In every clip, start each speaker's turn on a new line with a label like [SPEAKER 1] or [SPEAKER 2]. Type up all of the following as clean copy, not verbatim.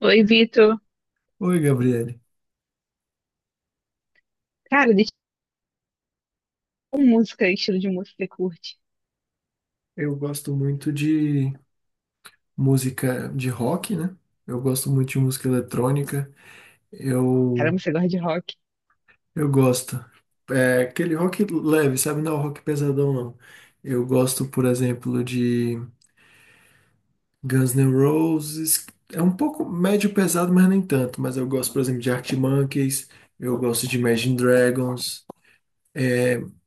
[SPEAKER 1] Oi, Vitor.
[SPEAKER 2] Oi, Gabriele.
[SPEAKER 1] Cara, de tipo música, estilo de música que você curte.
[SPEAKER 2] Eu gosto muito de música de rock, né? Eu gosto muito de música eletrônica. Eu,
[SPEAKER 1] Caramba, você gosta de rock?
[SPEAKER 2] eu gosto. É aquele rock leve, sabe? Não, é um rock pesadão, não. Eu gosto, por exemplo, de Guns N' Roses. É um pouco médio pesado, mas nem tanto. Mas eu gosto, por exemplo, de Arctic Monkeys. Eu gosto de Imagine Dragons.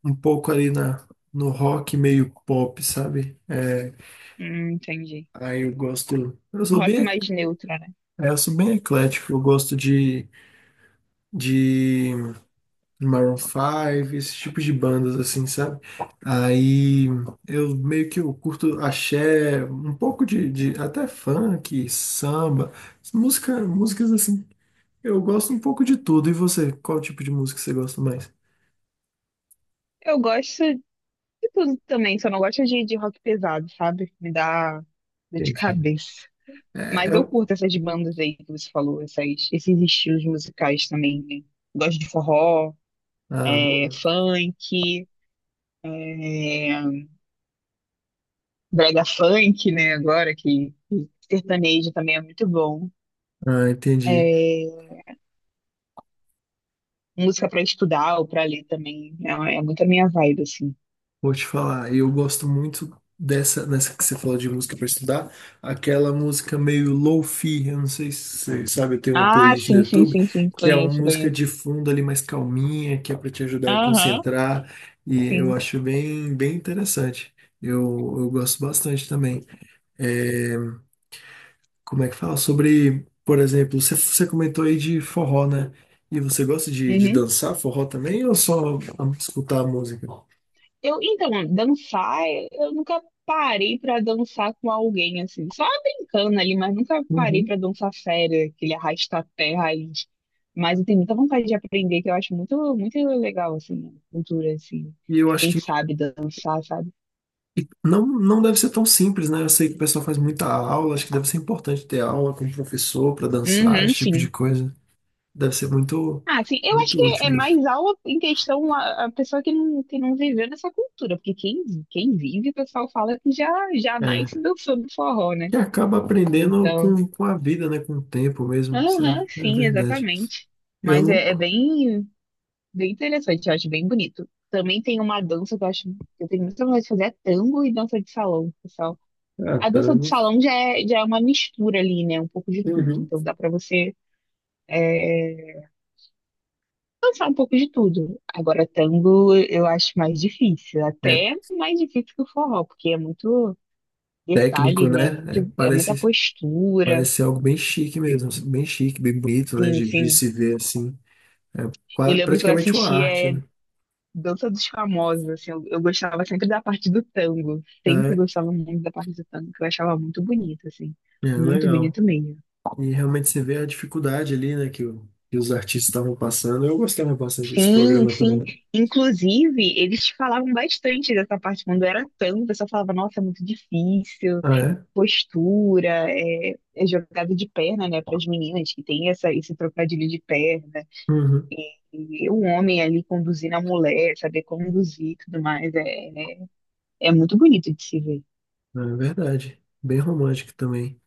[SPEAKER 2] Um pouco ali no rock meio pop, sabe? É,
[SPEAKER 1] Entendi.
[SPEAKER 2] aí eu gosto. Eu
[SPEAKER 1] Um
[SPEAKER 2] sou
[SPEAKER 1] rock
[SPEAKER 2] bem
[SPEAKER 1] mais neutro, né?
[SPEAKER 2] É, eu sou bem eclético, eu gosto de Maroon 5, esse tipo de bandas assim, sabe? Aí eu meio que eu curto axé, um pouco de até funk, samba, músicas assim. Eu gosto um pouco de tudo. E você, qual tipo de música você gosta mais?
[SPEAKER 1] Eu gosto de tudo também, só não gosto de rock pesado, sabe? Me dá dor de
[SPEAKER 2] Entendi.
[SPEAKER 1] cabeça.
[SPEAKER 2] É,
[SPEAKER 1] Mas
[SPEAKER 2] é
[SPEAKER 1] eu
[SPEAKER 2] o...
[SPEAKER 1] curto essas bandas aí que você falou, esses estilos musicais também, né? Gosto de forró,
[SPEAKER 2] Ah, bom.
[SPEAKER 1] funk, é, brega funk, né? Agora que sertanejo também é muito bom.
[SPEAKER 2] Ah, entendi.
[SPEAKER 1] É, música pra estudar ou pra ler também. É muito a minha vibe, assim.
[SPEAKER 2] Vou te falar, eu gosto muito nessa que você falou de música para estudar, aquela música meio lo-fi, eu não sei se você sabe, eu tenho uma
[SPEAKER 1] Ah,
[SPEAKER 2] playlist no
[SPEAKER 1] sim, sim,
[SPEAKER 2] YouTube,
[SPEAKER 1] sim, sim.
[SPEAKER 2] que é uma
[SPEAKER 1] Conheço,
[SPEAKER 2] música
[SPEAKER 1] conheço.
[SPEAKER 2] de fundo ali mais calminha, que é para te ajudar a
[SPEAKER 1] Aham,
[SPEAKER 2] concentrar, e eu
[SPEAKER 1] sim.
[SPEAKER 2] acho bem, bem interessante. Eu gosto bastante também. É, como é que fala? Sobre, por exemplo, você comentou aí de forró, né? E você gosta de
[SPEAKER 1] Uhum.
[SPEAKER 2] dançar forró também ou só escutar a música?
[SPEAKER 1] Então, dançar, eu nunca parei pra dançar com alguém, assim. Só brincando ali, mas nunca parei
[SPEAKER 2] Uhum.
[SPEAKER 1] pra dançar sério, aquele arrasta-pé raiz. Mas eu tenho muita vontade de aprender, que eu acho muito, muito legal, assim, a cultura, assim,
[SPEAKER 2] E eu
[SPEAKER 1] de
[SPEAKER 2] acho
[SPEAKER 1] quem
[SPEAKER 2] que
[SPEAKER 1] sabe dançar, sabe?
[SPEAKER 2] E não deve ser tão simples, né? Eu sei que o pessoal faz muita aula, acho que deve ser importante ter aula com o professor para dançar,
[SPEAKER 1] Uhum,
[SPEAKER 2] esse tipo de
[SPEAKER 1] sim.
[SPEAKER 2] coisa. Deve ser muito,
[SPEAKER 1] Ah, sim, eu acho que
[SPEAKER 2] muito
[SPEAKER 1] é
[SPEAKER 2] útil mesmo.
[SPEAKER 1] mais aula em questão a pessoa que não viveu nessa cultura, porque quem, quem vive, o pessoal fala que já, já nasce
[SPEAKER 2] É.
[SPEAKER 1] dançando forró, né?
[SPEAKER 2] E acaba aprendendo
[SPEAKER 1] Então,
[SPEAKER 2] com a vida, né? Com o tempo mesmo. Isso
[SPEAKER 1] aham,
[SPEAKER 2] é, é
[SPEAKER 1] sim,
[SPEAKER 2] verdade.
[SPEAKER 1] exatamente.
[SPEAKER 2] Eu
[SPEAKER 1] Mas
[SPEAKER 2] não.
[SPEAKER 1] é, é bem, bem interessante, eu acho bem bonito. Também tem uma dança que eu acho que eu tenho muita vontade de fazer, é tango e dança de salão, pessoal.
[SPEAKER 2] Ah,
[SPEAKER 1] A dança de
[SPEAKER 2] caramba.
[SPEAKER 1] salão já é uma mistura ali, né? Um pouco de tudo.
[SPEAKER 2] Uhum.
[SPEAKER 1] Então dá pra você dançar um pouco de tudo. Agora, tango eu acho mais difícil,
[SPEAKER 2] É
[SPEAKER 1] até mais difícil que o forró, porque é muito
[SPEAKER 2] técnico,
[SPEAKER 1] detalhe, né?
[SPEAKER 2] né? É,
[SPEAKER 1] É muita
[SPEAKER 2] parece,
[SPEAKER 1] postura.
[SPEAKER 2] parece ser algo bem chique mesmo. Bem chique, bem bonito, né?
[SPEAKER 1] Sim,
[SPEAKER 2] De
[SPEAKER 1] sim.
[SPEAKER 2] se ver assim. É
[SPEAKER 1] Eu lembro que eu
[SPEAKER 2] praticamente uma
[SPEAKER 1] assistia
[SPEAKER 2] arte, né?
[SPEAKER 1] Dança dos Famosos, assim, eu gostava sempre da parte do tango, sempre
[SPEAKER 2] É,
[SPEAKER 1] gostava muito da parte do tango, que eu achava muito bonito, assim,
[SPEAKER 2] é
[SPEAKER 1] muito
[SPEAKER 2] legal.
[SPEAKER 1] bonito mesmo.
[SPEAKER 2] E realmente você vê a dificuldade ali, né, que os artistas estavam passando. Eu gostava bastante desse
[SPEAKER 1] Sim,
[SPEAKER 2] programa
[SPEAKER 1] sim.
[SPEAKER 2] também.
[SPEAKER 1] Inclusive, eles falavam bastante dessa parte. Quando era tango, o pessoal falava, nossa, é muito difícil.
[SPEAKER 2] Ah, é?
[SPEAKER 1] Postura, é jogada de perna, né, para as meninas que tem essa, esse trocadilho de perna,
[SPEAKER 2] Uhum.
[SPEAKER 1] e o homem ali conduzindo a mulher, saber conduzir e tudo mais, é muito bonito de se ver.
[SPEAKER 2] Ah, é verdade. Bem romântico também.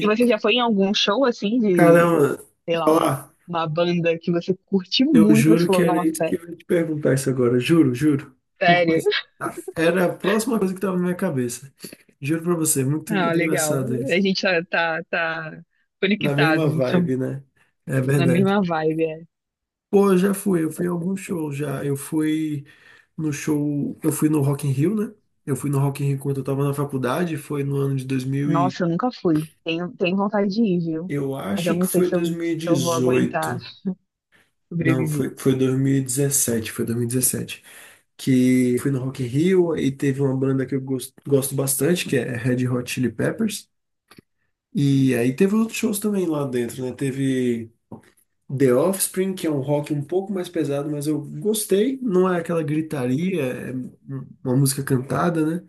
[SPEAKER 1] E você já foi em algum show assim de,
[SPEAKER 2] caramba,
[SPEAKER 1] sei lá,
[SPEAKER 2] falar,
[SPEAKER 1] uma banda que você curtiu
[SPEAKER 2] eu
[SPEAKER 1] muito, você
[SPEAKER 2] juro que
[SPEAKER 1] falou,
[SPEAKER 2] era
[SPEAKER 1] nossa,
[SPEAKER 2] isso que eu ia te perguntar isso agora. Juro, juro. Por
[SPEAKER 1] sério?
[SPEAKER 2] coisa... Ah, era a próxima coisa que estava na minha cabeça. Juro pra você, muito,
[SPEAKER 1] Ah,
[SPEAKER 2] muito
[SPEAKER 1] legal.
[SPEAKER 2] engraçado isso.
[SPEAKER 1] A gente tá
[SPEAKER 2] Na mesma
[SPEAKER 1] conectados, então,
[SPEAKER 2] vibe, né? É
[SPEAKER 1] na
[SPEAKER 2] verdade.
[SPEAKER 1] mesma vibe, é.
[SPEAKER 2] Pô, eu já fui, eu fui a alguns shows já. Eu fui. No show. Eu fui no Rock in Rio, né? Eu fui no Rock in Rio quando eu tava na faculdade, foi no ano de 2000 e...
[SPEAKER 1] Nossa, eu nunca fui. Tenho, tenho vontade de ir, viu?
[SPEAKER 2] Eu
[SPEAKER 1] Mas
[SPEAKER 2] acho
[SPEAKER 1] eu
[SPEAKER 2] que
[SPEAKER 1] não sei
[SPEAKER 2] foi
[SPEAKER 1] se eu vou aguentar.
[SPEAKER 2] 2018. Não,
[SPEAKER 1] Sobrevivi.
[SPEAKER 2] foi 2017, foi 2017. Que fui no Rock in Rio e teve uma banda que eu gosto bastante, que é Red Hot Chili Peppers. E aí teve outros shows também lá dentro, né? Teve The Offspring, que é um rock um pouco mais pesado, mas eu gostei. Não é aquela gritaria, é uma música cantada, né?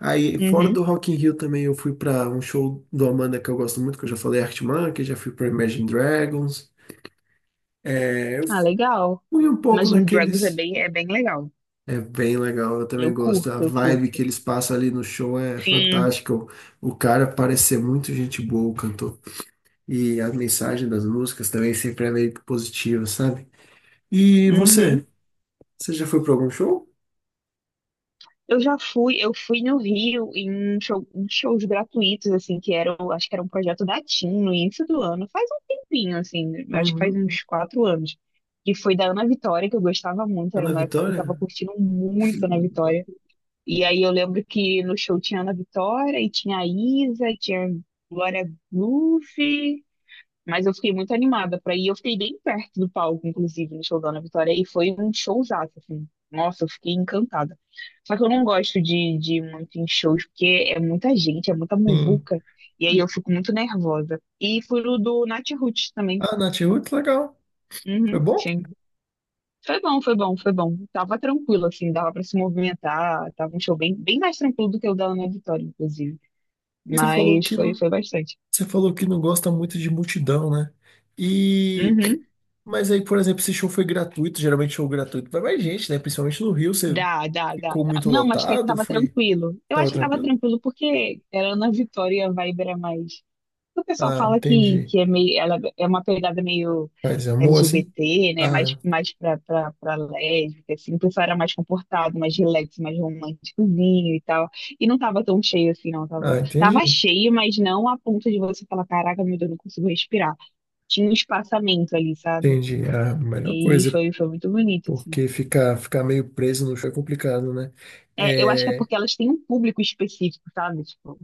[SPEAKER 2] Aí, fora
[SPEAKER 1] Uhum.
[SPEAKER 2] do Rock in Rio também, eu fui pra um show do Amanda que eu gosto muito, que eu já falei, Arctic Monkeys, já fui pra Imagine Dragons. Eu
[SPEAKER 1] Ah, legal.
[SPEAKER 2] fui um pouco
[SPEAKER 1] Imagine Dragons é
[SPEAKER 2] naqueles...
[SPEAKER 1] bem, é bem legal.
[SPEAKER 2] É bem legal, eu também
[SPEAKER 1] Eu
[SPEAKER 2] gosto. A
[SPEAKER 1] curto, eu
[SPEAKER 2] vibe
[SPEAKER 1] curto.
[SPEAKER 2] que eles passam ali no show é
[SPEAKER 1] Sim.
[SPEAKER 2] fantástica. O cara parece ser muito gente boa, o cantor. E a mensagem das músicas também sempre é meio positiva, sabe? E
[SPEAKER 1] Uhum.
[SPEAKER 2] você? Você já foi pra algum show?
[SPEAKER 1] Eu já fui, eu fui no Rio em, um show- em shows gratuitos, assim, que era, o- acho que era um projeto da TIM no início do ano, faz um tempinho, assim, acho que faz
[SPEAKER 2] Uhum.
[SPEAKER 1] uns quatro anos. E foi da Ana Vitória, que eu gostava muito, era
[SPEAKER 2] Ana
[SPEAKER 1] uma época que eu tava
[SPEAKER 2] Vitória?
[SPEAKER 1] curtindo muito Ana Vitória. E aí eu lembro que no show tinha Ana Vitória, e tinha a Isa, e tinha Glória Groove. Mas eu fiquei muito animada pra ir. Eu fiquei bem perto do palco, inclusive, no show da Ana Vitória. E foi um showzaço, assim. Nossa, eu fiquei encantada. Só que eu não gosto de ir muito em shows, porque é muita gente, é muita
[SPEAKER 2] Sim.
[SPEAKER 1] muvuca. E aí
[SPEAKER 2] E
[SPEAKER 1] eu fico muito nervosa. E fui no do Nath Roots também.
[SPEAKER 2] a Nath Roots, legal. Foi
[SPEAKER 1] Uhum,
[SPEAKER 2] bom?
[SPEAKER 1] sim. Foi bom, foi bom, foi bom. Tava tranquilo, assim, dava pra se movimentar. Tava um show bem mais tranquilo do que o da Ana Vitória, inclusive.
[SPEAKER 2] E você falou
[SPEAKER 1] Mas
[SPEAKER 2] que
[SPEAKER 1] foi,
[SPEAKER 2] não-
[SPEAKER 1] foi bastante.
[SPEAKER 2] Você falou que não gosta muito de multidão, né? E
[SPEAKER 1] Uhum.
[SPEAKER 2] mas aí, por exemplo, esse show foi gratuito, geralmente show gratuito vai mais gente, né? Principalmente no Rio, você
[SPEAKER 1] Dá, dá, dá,
[SPEAKER 2] ficou
[SPEAKER 1] dá.
[SPEAKER 2] muito
[SPEAKER 1] Não, mas até que
[SPEAKER 2] lotado,
[SPEAKER 1] tava
[SPEAKER 2] foi,
[SPEAKER 1] tranquilo. Eu
[SPEAKER 2] tava
[SPEAKER 1] acho que tava
[SPEAKER 2] tranquilo?
[SPEAKER 1] tranquilo porque era Ana Vitória e a vibe era mais. O pessoal
[SPEAKER 2] Ah,
[SPEAKER 1] fala
[SPEAKER 2] entendi.
[SPEAKER 1] que é meio, ela é uma pegada meio
[SPEAKER 2] Mas amor assim?
[SPEAKER 1] LGBT, né? Mais,
[SPEAKER 2] Ah,
[SPEAKER 1] mais pra lésbica, assim. O pessoal era mais comportado, mais relax, mais românticozinho e tal. E não tava tão cheio assim, não.
[SPEAKER 2] ah,
[SPEAKER 1] Tava, tava
[SPEAKER 2] entendi.
[SPEAKER 1] cheio, mas não a ponto de você falar, caraca, meu Deus, não consigo respirar. Tinha um espaçamento ali, sabe?
[SPEAKER 2] Entendi. É a melhor
[SPEAKER 1] E
[SPEAKER 2] coisa,
[SPEAKER 1] foi, foi muito bonito, assim.
[SPEAKER 2] porque ficar meio preso no show é complicado, né?
[SPEAKER 1] É, eu acho que é
[SPEAKER 2] É,
[SPEAKER 1] porque elas têm um público específico, sabe? Tipo,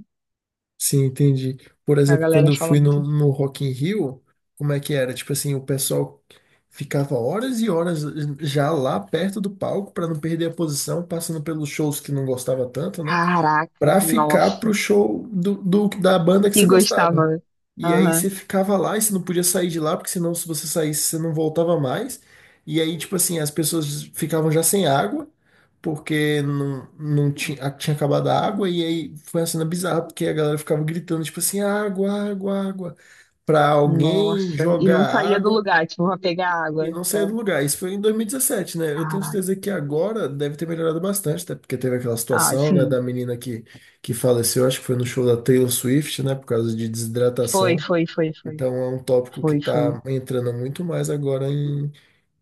[SPEAKER 2] Sim, entendi. Por
[SPEAKER 1] a
[SPEAKER 2] exemplo, quando
[SPEAKER 1] galera
[SPEAKER 2] eu
[SPEAKER 1] fala
[SPEAKER 2] fui
[SPEAKER 1] muito.
[SPEAKER 2] no Rock in Rio, como é que era? Tipo assim, o pessoal ficava horas e horas já lá perto do palco para não perder a posição, passando pelos shows que não gostava tanto, né?
[SPEAKER 1] Caraca,
[SPEAKER 2] Pra ficar pro
[SPEAKER 1] nossa,
[SPEAKER 2] show da banda que
[SPEAKER 1] que
[SPEAKER 2] você gostava.
[SPEAKER 1] gostava.
[SPEAKER 2] E aí
[SPEAKER 1] Aham,
[SPEAKER 2] você ficava lá e você não podia sair de lá, porque senão se você saísse, você não voltava mais. E aí, tipo assim, as pessoas ficavam já sem água, porque não tinha, tinha acabado a água. E aí foi uma cena bizarra, porque a galera ficava gritando, tipo assim, água, água, água. Pra alguém
[SPEAKER 1] nossa. E
[SPEAKER 2] jogar
[SPEAKER 1] não saía do
[SPEAKER 2] água
[SPEAKER 1] lugar, tipo, pra pegar
[SPEAKER 2] e
[SPEAKER 1] água.
[SPEAKER 2] não saía
[SPEAKER 1] Só.
[SPEAKER 2] do lugar. Isso foi em 2017, né? Eu tenho
[SPEAKER 1] Caraca.
[SPEAKER 2] certeza que agora deve ter melhorado bastante, até porque teve aquela
[SPEAKER 1] Ah,
[SPEAKER 2] situação, né, da
[SPEAKER 1] sim.
[SPEAKER 2] menina que faleceu, acho que foi no show da Taylor Swift, né, por causa de
[SPEAKER 1] Foi,
[SPEAKER 2] desidratação.
[SPEAKER 1] foi, foi, foi.
[SPEAKER 2] Então é um tópico que
[SPEAKER 1] Foi, foi.
[SPEAKER 2] está entrando muito mais agora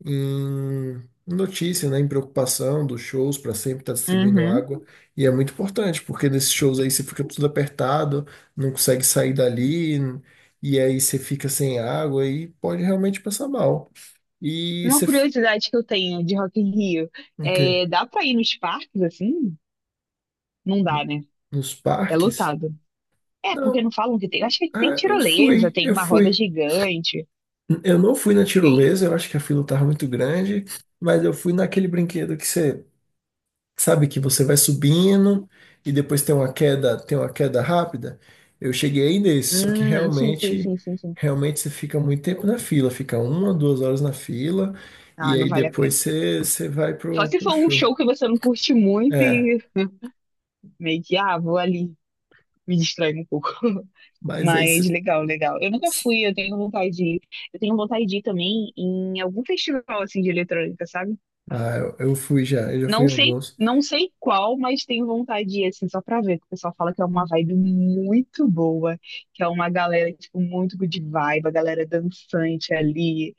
[SPEAKER 2] em notícia, né, em preocupação dos shows para sempre estar distribuindo
[SPEAKER 1] Uhum.
[SPEAKER 2] água. E é muito importante, porque nesses shows aí você fica tudo apertado, não consegue sair dali, e aí você fica sem água e pode realmente passar mal. E
[SPEAKER 1] Uma
[SPEAKER 2] você. f-
[SPEAKER 1] curiosidade que eu tenho de Rock in Rio
[SPEAKER 2] O quê?
[SPEAKER 1] dá pra ir nos parques assim? Não dá, né?
[SPEAKER 2] Nos
[SPEAKER 1] É
[SPEAKER 2] parques?
[SPEAKER 1] lotado. É, porque
[SPEAKER 2] Não.
[SPEAKER 1] não falam que tem. Acho que tem
[SPEAKER 2] Ah,
[SPEAKER 1] tirolesa, tem
[SPEAKER 2] eu
[SPEAKER 1] uma roda
[SPEAKER 2] fui.
[SPEAKER 1] gigante.
[SPEAKER 2] Eu não fui na
[SPEAKER 1] E
[SPEAKER 2] tirolesa, eu acho que a fila tava muito grande, mas eu fui naquele brinquedo que você sabe que você vai subindo e depois tem uma queda rápida. Eu cheguei aí nesse, só que
[SPEAKER 1] hum, sim, sim,
[SPEAKER 2] realmente,
[SPEAKER 1] sim, sim, sim.
[SPEAKER 2] realmente você fica muito tempo na fila, fica uma, duas horas na fila, e
[SPEAKER 1] Ah, não
[SPEAKER 2] aí
[SPEAKER 1] vale a
[SPEAKER 2] depois
[SPEAKER 1] pena.
[SPEAKER 2] você vai
[SPEAKER 1] Só se
[SPEAKER 2] pro
[SPEAKER 1] for um
[SPEAKER 2] show.
[SPEAKER 1] show que você não curte muito
[SPEAKER 2] É,
[SPEAKER 1] e meio que, ah, vou ali, me distrair um pouco.
[SPEAKER 2] mas aí
[SPEAKER 1] Mas
[SPEAKER 2] você.
[SPEAKER 1] legal, legal. Eu nunca fui, eu tenho vontade de ir. Eu tenho vontade de ir também em algum festival assim de eletrônica, sabe?
[SPEAKER 2] Ah, eu fui já, eu já fui em
[SPEAKER 1] Não sei,
[SPEAKER 2] alguns.
[SPEAKER 1] não sei qual, mas tenho vontade de ir assim só pra ver, que o pessoal fala que é uma vibe muito boa, que é uma galera tipo muito good vibe, a galera dançante ali.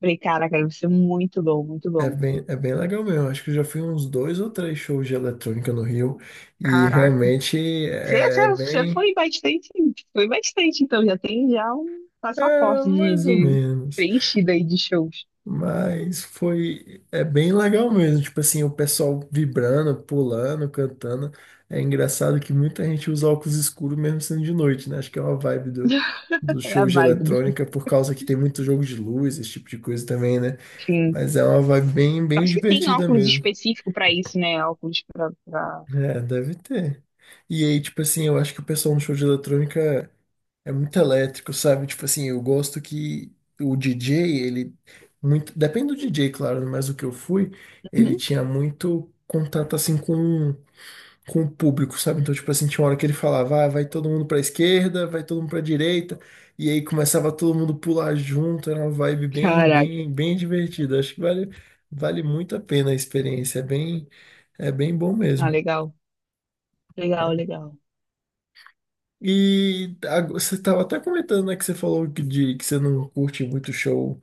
[SPEAKER 1] Falei, caraca, deve ser muito bom, muito
[SPEAKER 2] É
[SPEAKER 1] bom.
[SPEAKER 2] bem, é bem legal mesmo. Acho que eu já fui uns dois ou três shows de eletrônica no Rio e
[SPEAKER 1] Caraca.
[SPEAKER 2] realmente
[SPEAKER 1] Você,
[SPEAKER 2] é
[SPEAKER 1] você você
[SPEAKER 2] bem,
[SPEAKER 1] foi bastante, então já tem já um passaporte
[SPEAKER 2] é
[SPEAKER 1] de,
[SPEAKER 2] mais ou
[SPEAKER 1] de
[SPEAKER 2] menos.
[SPEAKER 1] preenchido aí de shows.
[SPEAKER 2] Mas foi, é bem legal mesmo. Tipo assim, o pessoal vibrando, pulando, cantando. É engraçado que muita gente usa óculos escuros mesmo sendo de noite, né? Acho que é uma vibe do
[SPEAKER 1] É a
[SPEAKER 2] show de
[SPEAKER 1] vibe do
[SPEAKER 2] eletrônica por causa que tem muito jogo de luz, esse tipo de coisa também, né?
[SPEAKER 1] fim.
[SPEAKER 2] Mas é uma vibe bem,
[SPEAKER 1] Eu
[SPEAKER 2] bem
[SPEAKER 1] acho que tem
[SPEAKER 2] divertida
[SPEAKER 1] óculos
[SPEAKER 2] mesmo.
[SPEAKER 1] específico pra isso, né? Óculos pra, pra...
[SPEAKER 2] É, deve ter. E aí, tipo assim, eu acho que o pessoal no show de eletrônica é muito elétrico, sabe? Tipo assim, eu gosto que o DJ, ele muito, depende do DJ, claro, né? Mas o que eu fui, ele
[SPEAKER 1] Uhum.
[SPEAKER 2] tinha muito contato assim com o público, sabe? Então, tipo assim, tinha uma hora que ele falava, ah, vai todo mundo pra esquerda, vai todo mundo pra direita, e aí começava todo mundo pular junto, era uma vibe bem,
[SPEAKER 1] Caraca.
[SPEAKER 2] bem, bem divertida. Acho que vale muito a pena a experiência, é bem bom
[SPEAKER 1] Ah,
[SPEAKER 2] mesmo.
[SPEAKER 1] legal. Legal, legal.
[SPEAKER 2] Você estava até comentando, né, que você falou que você não curte muito show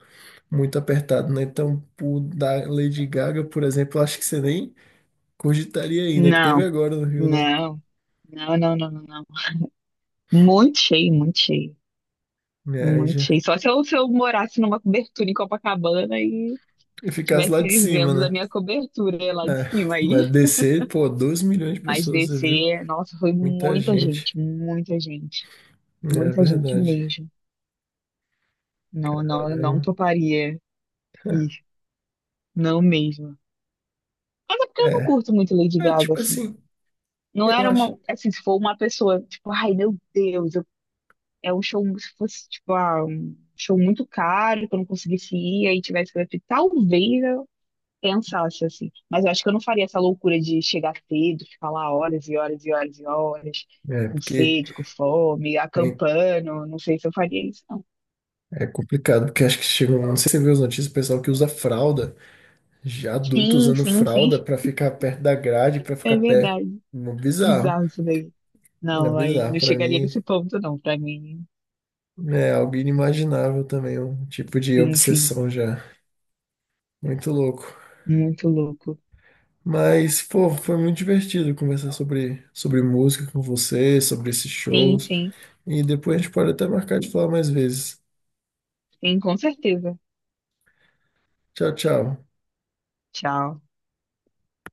[SPEAKER 2] muito apertado, né? Então, o da Lady Gaga, por exemplo, eu acho que você nem cogitaria aí, né? Que teve
[SPEAKER 1] Não,
[SPEAKER 2] agora no Rio, né?
[SPEAKER 1] não. Não, não, não, não, não. Muito cheio, muito cheio.
[SPEAKER 2] É, aí
[SPEAKER 1] Muito cheio.
[SPEAKER 2] já.
[SPEAKER 1] Só se eu morasse numa cobertura em Copacabana e
[SPEAKER 2] E ficasse lá
[SPEAKER 1] estivesse
[SPEAKER 2] de cima,
[SPEAKER 1] vendo a
[SPEAKER 2] né?
[SPEAKER 1] minha cobertura lá de
[SPEAKER 2] É,
[SPEAKER 1] cima aí.
[SPEAKER 2] mas descer, pô, 2 milhões de
[SPEAKER 1] Mas
[SPEAKER 2] pessoas, você viu?
[SPEAKER 1] descer, nossa, foi
[SPEAKER 2] Muita
[SPEAKER 1] muita
[SPEAKER 2] gente.
[SPEAKER 1] gente, muita gente,
[SPEAKER 2] É
[SPEAKER 1] muita gente
[SPEAKER 2] verdade.
[SPEAKER 1] mesmo. Não, não, eu não
[SPEAKER 2] Caramba.
[SPEAKER 1] toparia ir, não mesmo. Até porque eu não
[SPEAKER 2] É,
[SPEAKER 1] curto muito Lady
[SPEAKER 2] é
[SPEAKER 1] Gaga,
[SPEAKER 2] tipo
[SPEAKER 1] assim.
[SPEAKER 2] assim,
[SPEAKER 1] Não
[SPEAKER 2] eu
[SPEAKER 1] era uma,
[SPEAKER 2] acho.
[SPEAKER 1] assim, se for uma pessoa, tipo, ai, meu Deus, eu- é um show, se fosse, tipo, ah, um show muito caro, que eu não conseguisse ir, aí tivesse que talvez pensasse, assim. Mas eu acho que eu não faria essa loucura de chegar cedo, ficar lá horas e horas e horas e horas,
[SPEAKER 2] É,
[SPEAKER 1] com
[SPEAKER 2] porque
[SPEAKER 1] sede, com fome,
[SPEAKER 2] é,
[SPEAKER 1] acampando. Não sei se eu faria isso, não.
[SPEAKER 2] é complicado, porque acho que chegou. Não sei se você viu as notícias, o pessoal que usa fralda. Já adulto
[SPEAKER 1] Sim,
[SPEAKER 2] usando
[SPEAKER 1] sim, sim.
[SPEAKER 2] fralda pra ficar perto da grade, pra
[SPEAKER 1] É
[SPEAKER 2] ficar perto.
[SPEAKER 1] verdade.
[SPEAKER 2] É bizarro.
[SPEAKER 1] Bizarro isso daí.
[SPEAKER 2] É
[SPEAKER 1] Não, aí
[SPEAKER 2] bizarro
[SPEAKER 1] não
[SPEAKER 2] pra
[SPEAKER 1] chegaria
[SPEAKER 2] mim.
[SPEAKER 1] nesse ponto, não, pra mim.
[SPEAKER 2] É algo inimaginável também, um tipo de
[SPEAKER 1] Sim, sim.
[SPEAKER 2] obsessão já. Muito louco.
[SPEAKER 1] Muito louco.
[SPEAKER 2] Mas, pô, foi muito divertido conversar sobre música com você, sobre esses
[SPEAKER 1] Sim,
[SPEAKER 2] shows.
[SPEAKER 1] sim.
[SPEAKER 2] E depois a gente pode até marcar de falar mais vezes.
[SPEAKER 1] Sim, com certeza.
[SPEAKER 2] Tchau, tchau.
[SPEAKER 1] Tchau.